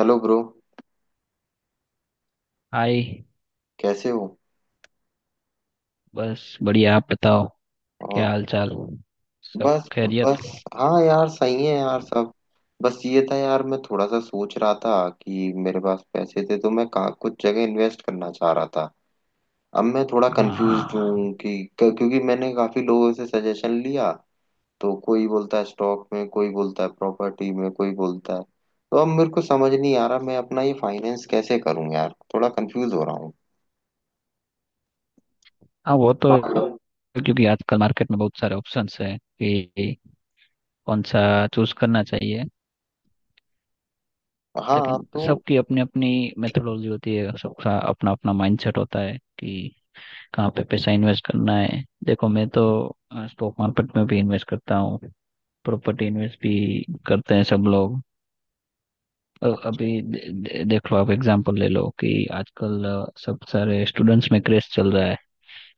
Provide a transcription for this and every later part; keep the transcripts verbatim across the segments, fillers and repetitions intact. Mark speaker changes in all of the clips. Speaker 1: Hello bro,
Speaker 2: hi.
Speaker 1: कैसे हो?
Speaker 2: बस बढ़िया, आप बताओ। क्या
Speaker 1: और
Speaker 2: हाल चाल, सब
Speaker 1: बस
Speaker 2: खैरियत?
Speaker 1: बस। हाँ यार, सही है यार सब। बस ये था यार, मैं थोड़ा सा सोच रहा था कि मेरे पास पैसे थे तो मैं कहाँ कुछ जगह इन्वेस्ट करना चाह रहा था। अब मैं थोड़ा
Speaker 2: हाँ
Speaker 1: कंफ्यूज
Speaker 2: हाँ।
Speaker 1: हूँ कि क- क्योंकि मैंने काफी लोगों से सजेशन लिया। तो कोई बोलता है स्टॉक में, कोई बोलता है प्रॉपर्टी में, कोई बोलता है। तो अब मेरे को समझ नहीं आ रहा मैं अपना ये फाइनेंस कैसे करूँ यार, थोड़ा कंफ्यूज हो रहा हूँ।
Speaker 2: हाँ, वो तो है, क्योंकि आजकल मार्केट में बहुत सारे ऑप्शंस हैं कि कौन सा चूज करना चाहिए।
Speaker 1: हाँ
Speaker 2: लेकिन
Speaker 1: तो।
Speaker 2: सबकी अपनी अपनी मेथोडोलॉजी होती है, सबका अपना अपना माइंडसेट होता है कि कहाँ पे पैसा इन्वेस्ट करना है। देखो, मैं तो स्टॉक मार्केट में भी इन्वेस्ट करता हूँ, प्रॉपर्टी इन्वेस्ट भी करते हैं सब लोग। अ- अभी दे, दे, देख लो, आप एग्जांपल ले लो कि आजकल अ, सब सारे स्टूडेंट्स में क्रेज चल रहा है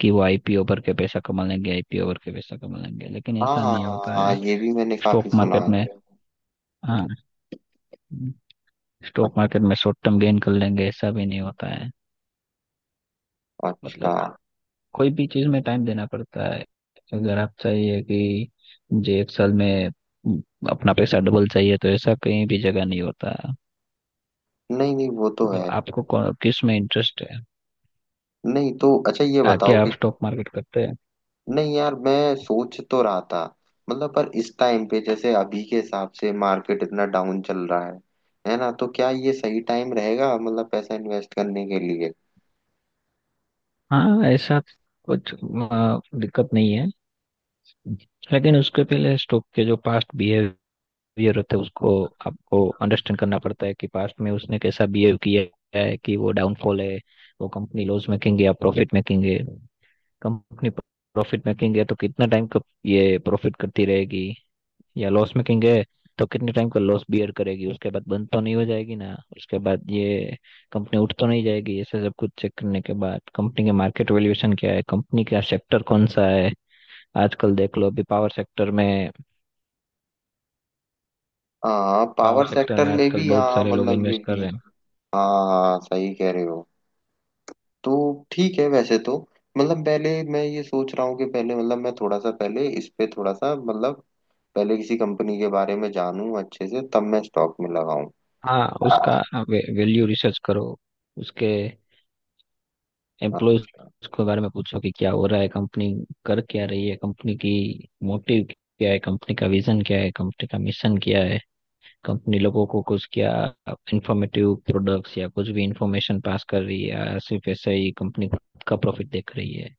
Speaker 2: कि वो आईपीओ भर के पैसा कमा लेंगे, आईपीओ भर के पैसा कमा लेंगे, लेकिन
Speaker 1: हाँ
Speaker 2: ऐसा
Speaker 1: हाँ
Speaker 2: नहीं
Speaker 1: हाँ
Speaker 2: होता
Speaker 1: हाँ,
Speaker 2: है।
Speaker 1: ये भी मैंने काफी
Speaker 2: स्टॉक
Speaker 1: सुना
Speaker 2: मार्केट में।
Speaker 1: है।
Speaker 2: हाँ। स्टॉक मार्केट में शॉर्ट टर्म गेन कर लेंगे, ऐसा भी नहीं होता है।
Speaker 1: अच्छा।
Speaker 2: मतलब कोई भी चीज में टाइम देना पड़ता है। अगर आप चाहिए कि मुझे एक साल में अम, अपना पैसा डबल चाहिए, तो ऐसा कहीं भी जगह नहीं होता है।
Speaker 1: नहीं नहीं, वो तो
Speaker 2: मतलब
Speaker 1: है।
Speaker 2: आपको कौन- किस में इंटरेस्ट है?
Speaker 1: नहीं तो अच्छा ये
Speaker 2: आके
Speaker 1: बताओ
Speaker 2: आप
Speaker 1: कि।
Speaker 2: स्टॉक मार्केट करते हैं?
Speaker 1: नहीं यार, मैं सोच तो रहा था। मतलब पर इस टाइम पे जैसे अभी के हिसाब से मार्केट इतना डाउन चल रहा है है ना, तो क्या ये सही टाइम रहेगा मतलब पैसा इन्वेस्ट करने के लिए?
Speaker 2: हाँ, ऐसा कुछ आ, दिक्कत नहीं है, लेकिन उसके पहले स्टोक के जो पास्ट बिहेवियर होते हैं उसको आपको अंडरस्टैंड करना पड़ता है कि पास्ट में उसने कैसा बिहेव किया है, कि वो डाउनफॉल है, वो कंपनी लॉस मेकिंग है या प्रॉफिट मेकिंग है। कंपनी प्रॉफिट मेकिंग है तो कितना टाइम तक ये प्रॉफिट करती रहेगी, या लॉस मेकिंग है तो कितने टाइम का लॉस बियर करेगी, उसके बाद बंद तो नहीं हो जाएगी ना, उसके बाद ये कंपनी उठ तो नहीं जाएगी। ऐसे सब कुछ चेक करने के बाद कंपनी के मार्केट वैल्यूएशन क्या है, कंपनी का सेक्टर कौन सा है। आजकल देख लो, अभी पावर सेक्टर में,
Speaker 1: हाँ
Speaker 2: पावर
Speaker 1: पावर
Speaker 2: सेक्टर
Speaker 1: सेक्टर
Speaker 2: में
Speaker 1: में
Speaker 2: आजकल
Speaker 1: भी
Speaker 2: बहुत
Speaker 1: हाँ,
Speaker 2: सारे लोग
Speaker 1: मतलब ये
Speaker 2: इन्वेस्ट कर
Speaker 1: भी।
Speaker 2: रहे हैं।
Speaker 1: हाँ सही कह रहे हो। तो ठीक है वैसे तो। मतलब पहले मैं ये सोच रहा हूँ कि पहले, मतलब मैं थोड़ा सा पहले इस पे थोड़ा सा मतलब पहले किसी कंपनी के बारे में जानूं अच्छे से, तब मैं स्टॉक में लगाऊं।
Speaker 2: हाँ,
Speaker 1: हाँ।
Speaker 2: उसका वैल्यू रिसर्च करो, उसके एम्प्लॉयज के बारे में पूछो कि क्या हो रहा है, कंपनी कर क्या रही है, कंपनी की मोटिव क्या है, कंपनी का विजन क्या है, कंपनी का मिशन क्या है, कंपनी लोगों को कुछ क्या इंफॉर्मेटिव प्रोडक्ट्स या कुछ भी इंफॉर्मेशन पास कर रही है या सिर्फ ऐसे ही कंपनी खुद का प्रॉफिट देख रही है।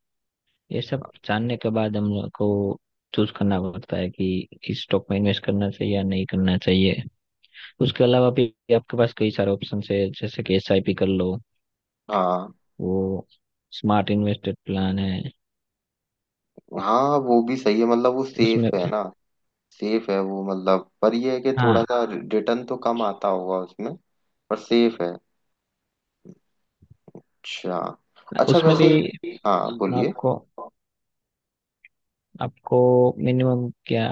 Speaker 2: ये सब जानने के बाद हम लोग को चूज करना पड़ता है कि इस स्टॉक में इन्वेस्ट करना चाहिए या नहीं करना चाहिए। उसके अलावा भी आपके पास कई सारे ऑप्शन है, जैसे कि एसआईपी कर लो, वो स्मार्ट इन्वेस्टेड प्लान है।
Speaker 1: हाँ वो भी सही है, मतलब वो
Speaker 2: उसमें
Speaker 1: सेफ है ना। सेफ है वो, मतलब पर ये है कि थोड़ा
Speaker 2: हाँ,
Speaker 1: सा रिटर्न तो कम आता होगा उसमें, पर सेफ है। अच्छा। अच्छा
Speaker 2: उसमें भी
Speaker 1: वैसे। हाँ बोलिए।
Speaker 2: आपको आपको मिनिमम क्या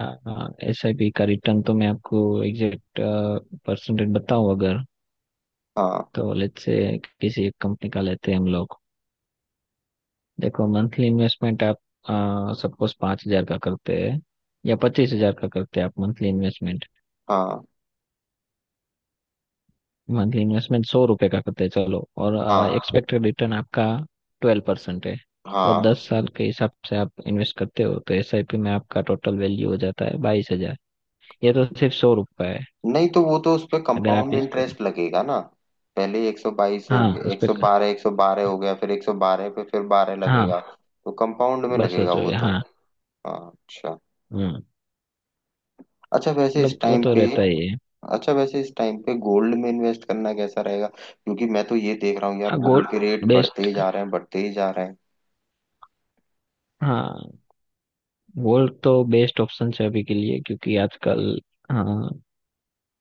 Speaker 2: एस आई पी का रिटर्न तो मैं आपको एग्जैक्ट परसेंटेज बताऊं? अगर,
Speaker 1: हाँ।
Speaker 2: तो लेट्स से किसी एक कंपनी का लेते हैं हम लोग। देखो मंथली इन्वेस्टमेंट आप सपोज पाँच हजार का करते हैं या पच्चीस हजार का करते हैं आप मंथली इन्वेस्टमेंट,
Speaker 1: हाँ।
Speaker 2: मंथली इन्वेस्टमेंट सौ रुपए का करते हैं चलो। और
Speaker 1: हाँ।
Speaker 2: एक्सपेक्टेड रिटर्न आपका ट्वेल्व परसेंट है, और
Speaker 1: हाँ।
Speaker 2: दस साल के हिसाब से आप इन्वेस्ट करते हो तो एस आई पी में आपका टोटल वैल्यू हो जाता है बाईस हजार। ये तो सिर्फ सौ रुपए है।
Speaker 1: नहीं तो वो तो उस पे
Speaker 2: अगर आप
Speaker 1: कंपाउंड
Speaker 2: इसको।
Speaker 1: इंटरेस्ट लगेगा ना। पहले एक सौ बाईस हो
Speaker 2: हाँ,
Speaker 1: गया,
Speaker 2: उस
Speaker 1: एक
Speaker 2: पे।
Speaker 1: सौ बारह एक सौ बारह हो गया, फिर एक सौ बारह पे फिर बारह
Speaker 2: हाँ,
Speaker 1: लगेगा। तो कंपाउंड में
Speaker 2: बस
Speaker 1: लगेगा
Speaker 2: सोचो
Speaker 1: वो
Speaker 2: ये,
Speaker 1: तो।
Speaker 2: हाँ
Speaker 1: हाँ अच्छा।
Speaker 2: हम्म।
Speaker 1: अच्छा वैसे इस
Speaker 2: मतलब वो
Speaker 1: टाइम
Speaker 2: तो
Speaker 1: पे।
Speaker 2: रहता ही है।
Speaker 1: अच्छा वैसे इस टाइम पे गोल्ड में इन्वेस्ट करना कैसा रहेगा? क्योंकि मैं तो ये देख रहा हूँ यार,
Speaker 2: हाँ, गोल्ड
Speaker 1: गोल्ड के रेट बढ़ते
Speaker 2: बेस्ट।
Speaker 1: ही जा रहे हैं, बढ़ते ही जा रहे हैं।
Speaker 2: हाँ, गोल्ड तो बेस्ट ऑप्शन है अभी के लिए, क्योंकि आजकल। हाँ,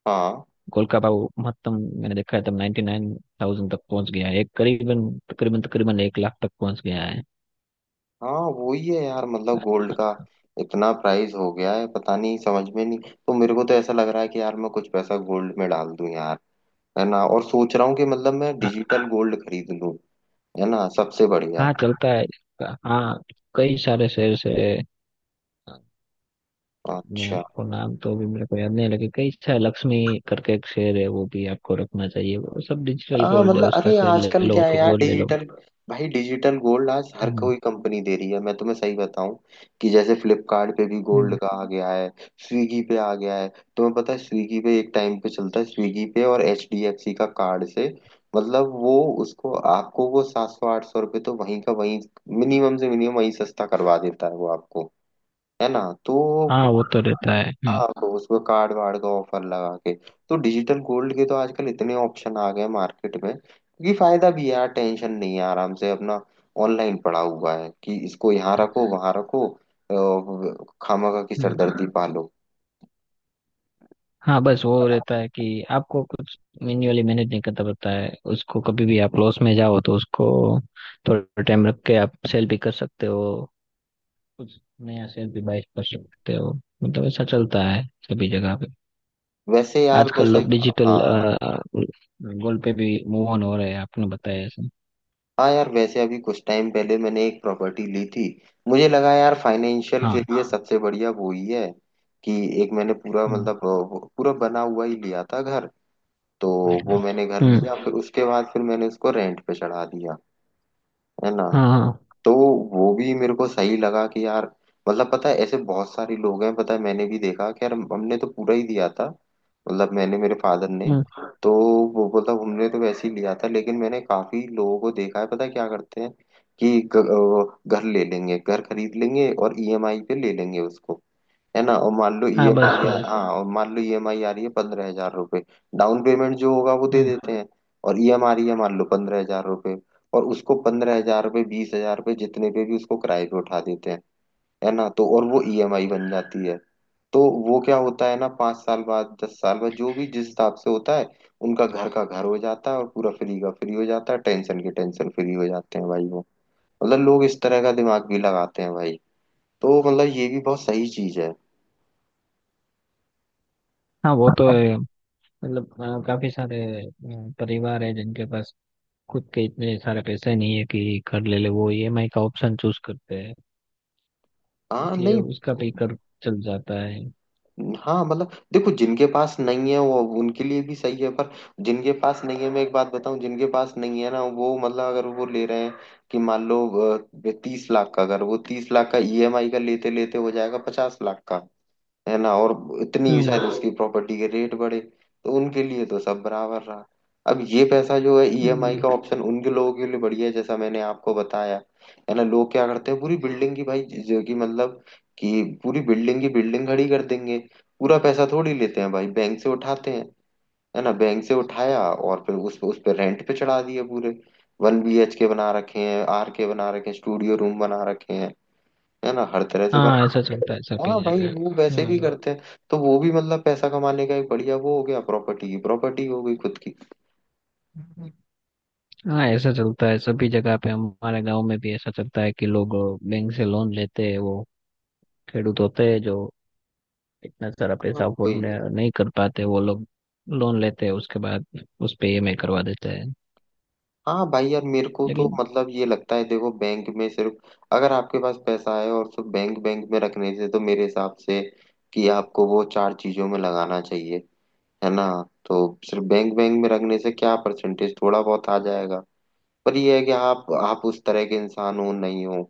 Speaker 1: हाँ।
Speaker 2: गोल्ड का भाव महत्तम मैंने देखा है, तब नाइन्टी नाइन थाउजेंड तक पहुंच गया है, एक करीबन तकरीबन तकरीबन एक लाख तक पहुंच गया है।
Speaker 1: हाँ वही है यार, मतलब गोल्ड का इतना प्राइस हो गया है, पता नहीं, समझ में नहीं। तो मेरे को तो ऐसा लग रहा है कि यार, मैं कुछ पैसा गोल्ड में डाल दूं यार। है ना? और सोच रहा हूँ कि मतलब मैं
Speaker 2: हाँ
Speaker 1: डिजिटल गोल्ड खरीद लूं। है ना, सबसे बढ़िया।
Speaker 2: हाँ, चलता है। हाँ, कई सारे शेयर है, मैं
Speaker 1: अच्छा।
Speaker 2: आपको नाम तो अभी मेरे को याद नहीं, लगे कई अच्छा लक्ष्मी करके एक शेर है, वो भी आपको रखना चाहिए, वो सब डिजिटल
Speaker 1: हाँ
Speaker 2: गोल्ड है,
Speaker 1: मतलब
Speaker 2: उसका
Speaker 1: अरे
Speaker 2: शेर ले
Speaker 1: आजकल
Speaker 2: लो
Speaker 1: क्या है
Speaker 2: कि
Speaker 1: यार
Speaker 2: गोल्ड ले लो।
Speaker 1: डिजिटल, भाई डिजिटल गोल्ड आज हर
Speaker 2: हम्म।
Speaker 1: कोई कंपनी दे रही है, मैं तुम्हें सही बताऊं कि जैसे फ्लिपकार्ट पे भी गोल्ड
Speaker 2: हम्म।
Speaker 1: का आ गया है। स्विगी पे आ गया है। तुम्हें पता है स्विगी पे एक टाइम पे चलता है, स्विगी पे और एच डी एफ सी का कार्ड से, मतलब वो उसको आपको वो सात सौ आठ सौ रुपये तो वहीं का वहीं, मिनिमम से मिनिमम वहीं सस्ता करवा देता है वो आपको। है ना? तो
Speaker 2: हाँ, वो तो रहता है। हम्म।
Speaker 1: हाँ तो उसमें कार्ड वार्ड का ऑफर लगा के, तो डिजिटल गोल्ड के तो आजकल इतने ऑप्शन आ गए मार्केट में, क्योंकि फायदा भी है यार, टेंशन नहीं है, आराम से अपना ऑनलाइन पड़ा हुआ है कि इसको यहाँ रखो वहां रखो, अ, खामखा की
Speaker 2: हम्म।
Speaker 1: सरदर्दी पालो।
Speaker 2: हाँ बस, वो रहता है कि आपको कुछ मैन्युअली मैनेज नहीं करता पड़ता है उसको, कभी भी आप लॉस में जाओ तो उसको थोड़ा टाइम रख के आप सेल भी कर सकते हो, कुछ नया शेयर भी बाय कर सकते हो, मतलब ऐसा चलता है सभी जगह।
Speaker 1: वैसे यार
Speaker 2: आजकल
Speaker 1: बस।
Speaker 2: लोग डिजिटल
Speaker 1: हाँ।
Speaker 2: गोल पे भी मूव ऑन हो रहे हैं, आपने बताया ऐसे।
Speaker 1: हाँ यार वैसे अभी कुछ टाइम पहले मैंने एक प्रॉपर्टी ली थी। मुझे लगा यार फाइनेंशियल
Speaker 2: हाँ।
Speaker 1: के लिए सबसे बढ़िया वो ही है कि एक मैंने पूरा
Speaker 2: हम्म।
Speaker 1: मतलब अ, पूरा बना हुआ ही लिया था घर। तो वो मैंने घर
Speaker 2: हम्म।
Speaker 1: लिया, फिर उसके बाद फिर मैंने उसको रेंट पे चढ़ा दिया। है ना?
Speaker 2: हाँ। हाँ।
Speaker 1: तो वो भी मेरे को सही लगा कि यार, मतलब पता है ऐसे बहुत सारे लोग हैं, पता है, मैंने भी देखा कि यार हम- हमने तो पूरा ही दिया था, मतलब मैंने, मेरे फादर ने।
Speaker 2: हम्म,
Speaker 1: तो वो मतलब हमने तो वैसे ही लिया था, लेकिन मैंने काफी लोगों को देखा है, पता है क्या करते हैं कि ग- अ, घर ले लेंगे, घर खरीद लेंगे और ई एम आई पे ले लेंगे उसको। है ना? और मान लो
Speaker 2: हाँ बस,
Speaker 1: ई एम आई,
Speaker 2: हाँ।
Speaker 1: हाँ और मान लो ईएमआई आ रही है पंद्रह हजार रुपये। डाउन पेमेंट जो होगा वो दे
Speaker 2: हम्म।
Speaker 1: देते हैं। और ईएम आ रही है मान लो पंद्रह हजार रुपये, और उसको पंद्रह हजार रुपये बीस हजार रुपये जितने पे भी उसको किराए पे उठा देते हैं। है ना? तो और वो ई एम आई बन जाती है। तो वो क्या होता है ना, पाँच साल बाद, दस साल बाद, जो भी जिस हिसाब से होता है, उनका घर का घर हो जाता है और पूरा फ्री का फ्री हो जाता है, टेंशन के टेंशन फ्री हो जाते हैं भाई वो। मतलब लोग इस तरह का दिमाग भी लगाते हैं भाई। तो मतलब ये भी बहुत सही चीज है।
Speaker 2: हाँ, वो तो है, मतलब अ, काफी सारे अ, परिवार है जिनके पास खुद के इतने सारे पैसे नहीं है कि कर ले ले, वो ईएमआई का ऑप्शन चूज करते हैं,
Speaker 1: हाँ
Speaker 2: इसलिए
Speaker 1: नहीं।
Speaker 2: उसका भी कर चल जाता है।
Speaker 1: हाँ मतलब देखो, जिनके पास नहीं है वो उनके लिए भी सही है, पर जिनके पास नहीं है, मैं एक बात बताऊं, जिनके पास नहीं है ना वो, मतलब अगर वो ले रहे हैं कि मान लो तीस लाख का, अगर वो तीस लाख का ई एम आई का लेते लेते हो जाएगा पचास लाख का। है ना? और इतनी शायद
Speaker 2: हम्म।
Speaker 1: उसकी प्रॉपर्टी के रेट बढ़े, तो उनके लिए तो सब बराबर रहा। अब ये पैसा जो है ई एम आई
Speaker 2: हम्म,
Speaker 1: का ऑप्शन उनके लोगों के लिए बढ़िया है, जैसा मैंने आपको बताया। है ना? लोग क्या करते हैं पूरी बिल्डिंग की भाई, जो कि मतलब कि पूरी बिल्डिंग की बिल्डिंग खड़ी कर देंगे। पूरा पैसा थोड़ी लेते हैं भाई, बैंक से उठाते हैं। है ना? बैंक से उठाया और फिर उस उस पर रेंट पे चढ़ा दिए पूरे। वन बी एच के बना रखे हैं, आर के बना रखे हैं, स्टूडियो रूम बना रखे हैं। है ना? हर तरह से
Speaker 2: हाँ
Speaker 1: बना।
Speaker 2: ऐसा चलता है सभी
Speaker 1: हाँ भाई
Speaker 2: जगह।
Speaker 1: वो वैसे भी
Speaker 2: हम्म।
Speaker 1: करते हैं। तो वो भी मतलब पैसा कमाने का एक बढ़िया वो हो गया, प्रॉपर्टी की प्रॉपर्टी हो गई खुद की।
Speaker 2: हाँ ऐसा चलता है सभी जगह पे, हमारे गांव में भी ऐसा चलता है कि लोग बैंक से लोन लेते हैं, वो खेडूत होते हैं जो इतना सारा
Speaker 1: हाँ
Speaker 2: पैसा
Speaker 1: वही
Speaker 2: अफोर्ड
Speaker 1: है।
Speaker 2: नहीं कर पाते, वो लोग लोन लेते हैं, उसके बाद उस पे ईएमआई करवा देते हैं।
Speaker 1: हाँ भाई यार मेरे को तो
Speaker 2: लेकिन
Speaker 1: मतलब ये लगता है, देखो बैंक में सिर्फ अगर आपके पास पैसा है और सिर्फ बैंक बैंक में रखने से तो मेरे हिसाब से कि आपको वो चार चीजों में लगाना चाहिए। है ना? तो सिर्फ बैंक बैंक में रखने से क्या परसेंटेज थोड़ा बहुत आ जाएगा। पर ये है कि आप आप उस तरह के इंसान हो नहीं हो।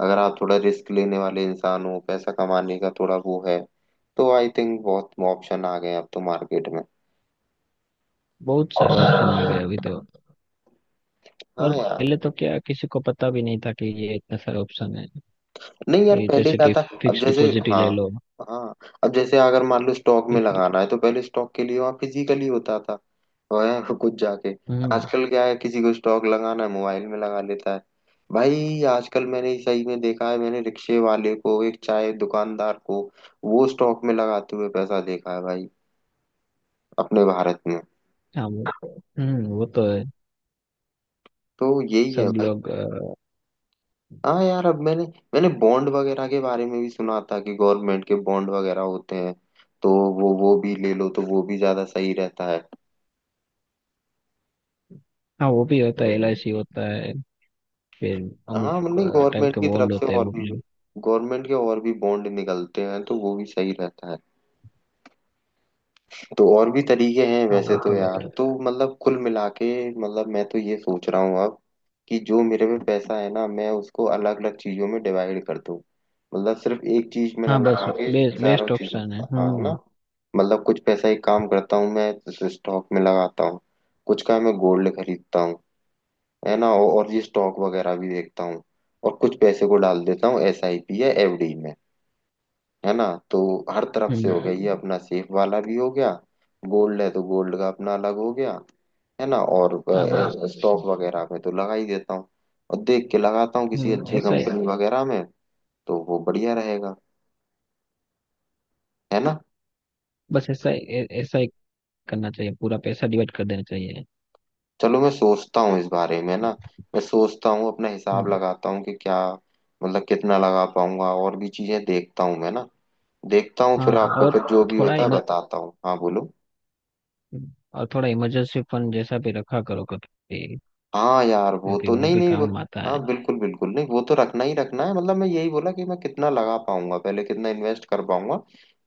Speaker 1: अगर आप थोड़ा रिस्क लेने वाले इंसान हो, पैसा कमाने का थोड़ा वो है, तो आई थिंक बहुत ऑप्शन आ गए अब तो मार्केट में।
Speaker 2: बहुत सारे ऑप्शन आ गए अभी तो, और
Speaker 1: हाँ यार।
Speaker 2: पहले तो क्या किसी को पता भी नहीं था कि ये इतना सारा ऑप्शन है।
Speaker 1: नहीं यार
Speaker 2: ये
Speaker 1: पहले
Speaker 2: जैसे
Speaker 1: क्या
Speaker 2: कि
Speaker 1: था। अब
Speaker 2: फिक्स
Speaker 1: जैसे।
Speaker 2: डिपॉजिट ही
Speaker 1: हाँ।
Speaker 2: ले लो,
Speaker 1: हाँ। अब जैसे अगर मान लो स्टॉक में
Speaker 2: एक।
Speaker 1: लगाना है, तो पहले स्टॉक के लिए वहाँ फिजिकली होता था। वह कुछ जाके।
Speaker 2: हम्म।
Speaker 1: आजकल क्या है, किसी को स्टॉक लगाना है मोबाइल में लगा लेता है। भाई आजकल मैंने सही में देखा है, मैंने रिक्शे वाले को, एक चाय दुकानदार को वो स्टॉक में लगाते हुए पैसा देखा है भाई, अपने भारत में।
Speaker 2: हाँ, वो। हम्म। वो तो है,
Speaker 1: तो यही है
Speaker 2: सब
Speaker 1: भाई।
Speaker 2: लोग अ,
Speaker 1: हाँ यार अब मैंने, मैंने बॉन्ड वगैरह के बारे में भी सुना था कि गवर्नमेंट के बॉन्ड वगैरह होते हैं। तो वो वो भी ले लो तो वो भी ज्यादा सही रहता है।
Speaker 2: हाँ, वो भी होता है, एलआईसी होता है, फिर अमुक
Speaker 1: हाँ मतलब
Speaker 2: टाइप
Speaker 1: गवर्नमेंट
Speaker 2: के
Speaker 1: की
Speaker 2: बॉन्ड
Speaker 1: तरफ से
Speaker 2: होते हैं
Speaker 1: और
Speaker 2: वो
Speaker 1: भी।
Speaker 2: प्लेयर।
Speaker 1: गवर्नमेंट के और भी बॉन्ड निकलते हैं तो वो भी सही रहता है। तो और भी तरीके हैं
Speaker 2: हाँ,
Speaker 1: वैसे
Speaker 2: वो
Speaker 1: तो
Speaker 2: तो रहता
Speaker 1: यार,
Speaker 2: है।
Speaker 1: तो मतलब कुल मिला के मतलब मैं तो ये सोच रहा हूँ अब कि जो मेरे पे पैसा है ना, मैं उसको अलग अलग चीजों में डिवाइड कर दूँ। मतलब सिर्फ एक चीज में ना
Speaker 2: हाँ बस,
Speaker 1: लगा के,
Speaker 2: बेस्ट
Speaker 1: चारों
Speaker 2: बेस्ट
Speaker 1: चीजों में
Speaker 2: ऑप्शन है।
Speaker 1: लगा- हाँ ना।
Speaker 2: हम्म।
Speaker 1: मतलब कुछ पैसा, एक काम करता हूँ मैं स्टॉक में लगाता हूँ, कुछ का मैं गोल्ड खरीदता हूँ। है ना? और और ये स्टॉक वगैरह भी देखता हूँ। और कुछ पैसे को डाल देता हूँ एस आई पी या एफ डी में। है ना? तो हर तरफ से हो
Speaker 2: हम्म,
Speaker 1: गया ये, हम्म, अपना सेफ वाला भी हो गया। गोल्ड है तो गोल्ड का अपना अलग हो गया। है ना? और
Speaker 2: हाँ बस,
Speaker 1: हाँ स्टॉक वगैरह में तो लगा ही देता हूँ, और देख के लगाता हूँ किसी
Speaker 2: हम्म
Speaker 1: अच्छी
Speaker 2: ऐसा ही,
Speaker 1: कंपनी वगैरह में, तो वो बढ़िया रहेगा। है ना?
Speaker 2: बस ऐसा ही ऐ- ऐसा ही करना चाहिए, पूरा पैसा डिवाइड कर देना चाहिए।
Speaker 1: चलो मैं सोचता हूँ इस बारे में ना, मैं सोचता हूँ अपना हिसाब
Speaker 2: हम्म।
Speaker 1: लगाता हूँ कि क्या मतलब कितना लगा पाऊंगा, और भी चीजें देखता हूँ मैं ना। देखता हूँ फिर
Speaker 2: हाँ,
Speaker 1: आपको,
Speaker 2: और
Speaker 1: फिर जो भी
Speaker 2: थोड़ा
Speaker 1: होता है
Speaker 2: इमर
Speaker 1: बताता हूँ। हाँ बोलो।
Speaker 2: और थोड़ा इमरजेंसी फंड जैसा भी रखा करो कभी,
Speaker 1: हाँ यार वो
Speaker 2: क्योंकि
Speaker 1: तो,
Speaker 2: वो
Speaker 1: नहीं
Speaker 2: भी
Speaker 1: नहीं वो
Speaker 2: काम आता
Speaker 1: हाँ
Speaker 2: है।
Speaker 1: बिल्कुल बिल्कुल, नहीं वो तो रखना ही रखना है। मतलब मैं यही बोला कि मैं कितना लगा पाऊंगा, पहले कितना इन्वेस्ट कर पाऊंगा,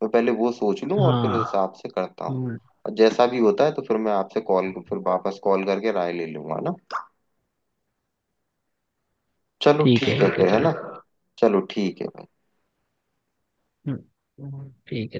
Speaker 1: मैं पहले वो सोच लूँ और फिर
Speaker 2: हाँ।
Speaker 1: उस हिसाब से करता हूँ।
Speaker 2: हम्म,
Speaker 1: और जैसा भी होता है तो फिर मैं आपसे कॉल, फिर वापस कॉल करके राय ले लूंगा ना। चलो
Speaker 2: ठीक है
Speaker 1: ठीक है
Speaker 2: ठीक है
Speaker 1: फिर, है
Speaker 2: चलो।
Speaker 1: ना? चलो ठीक है।
Speaker 2: हम्म, ठीक है।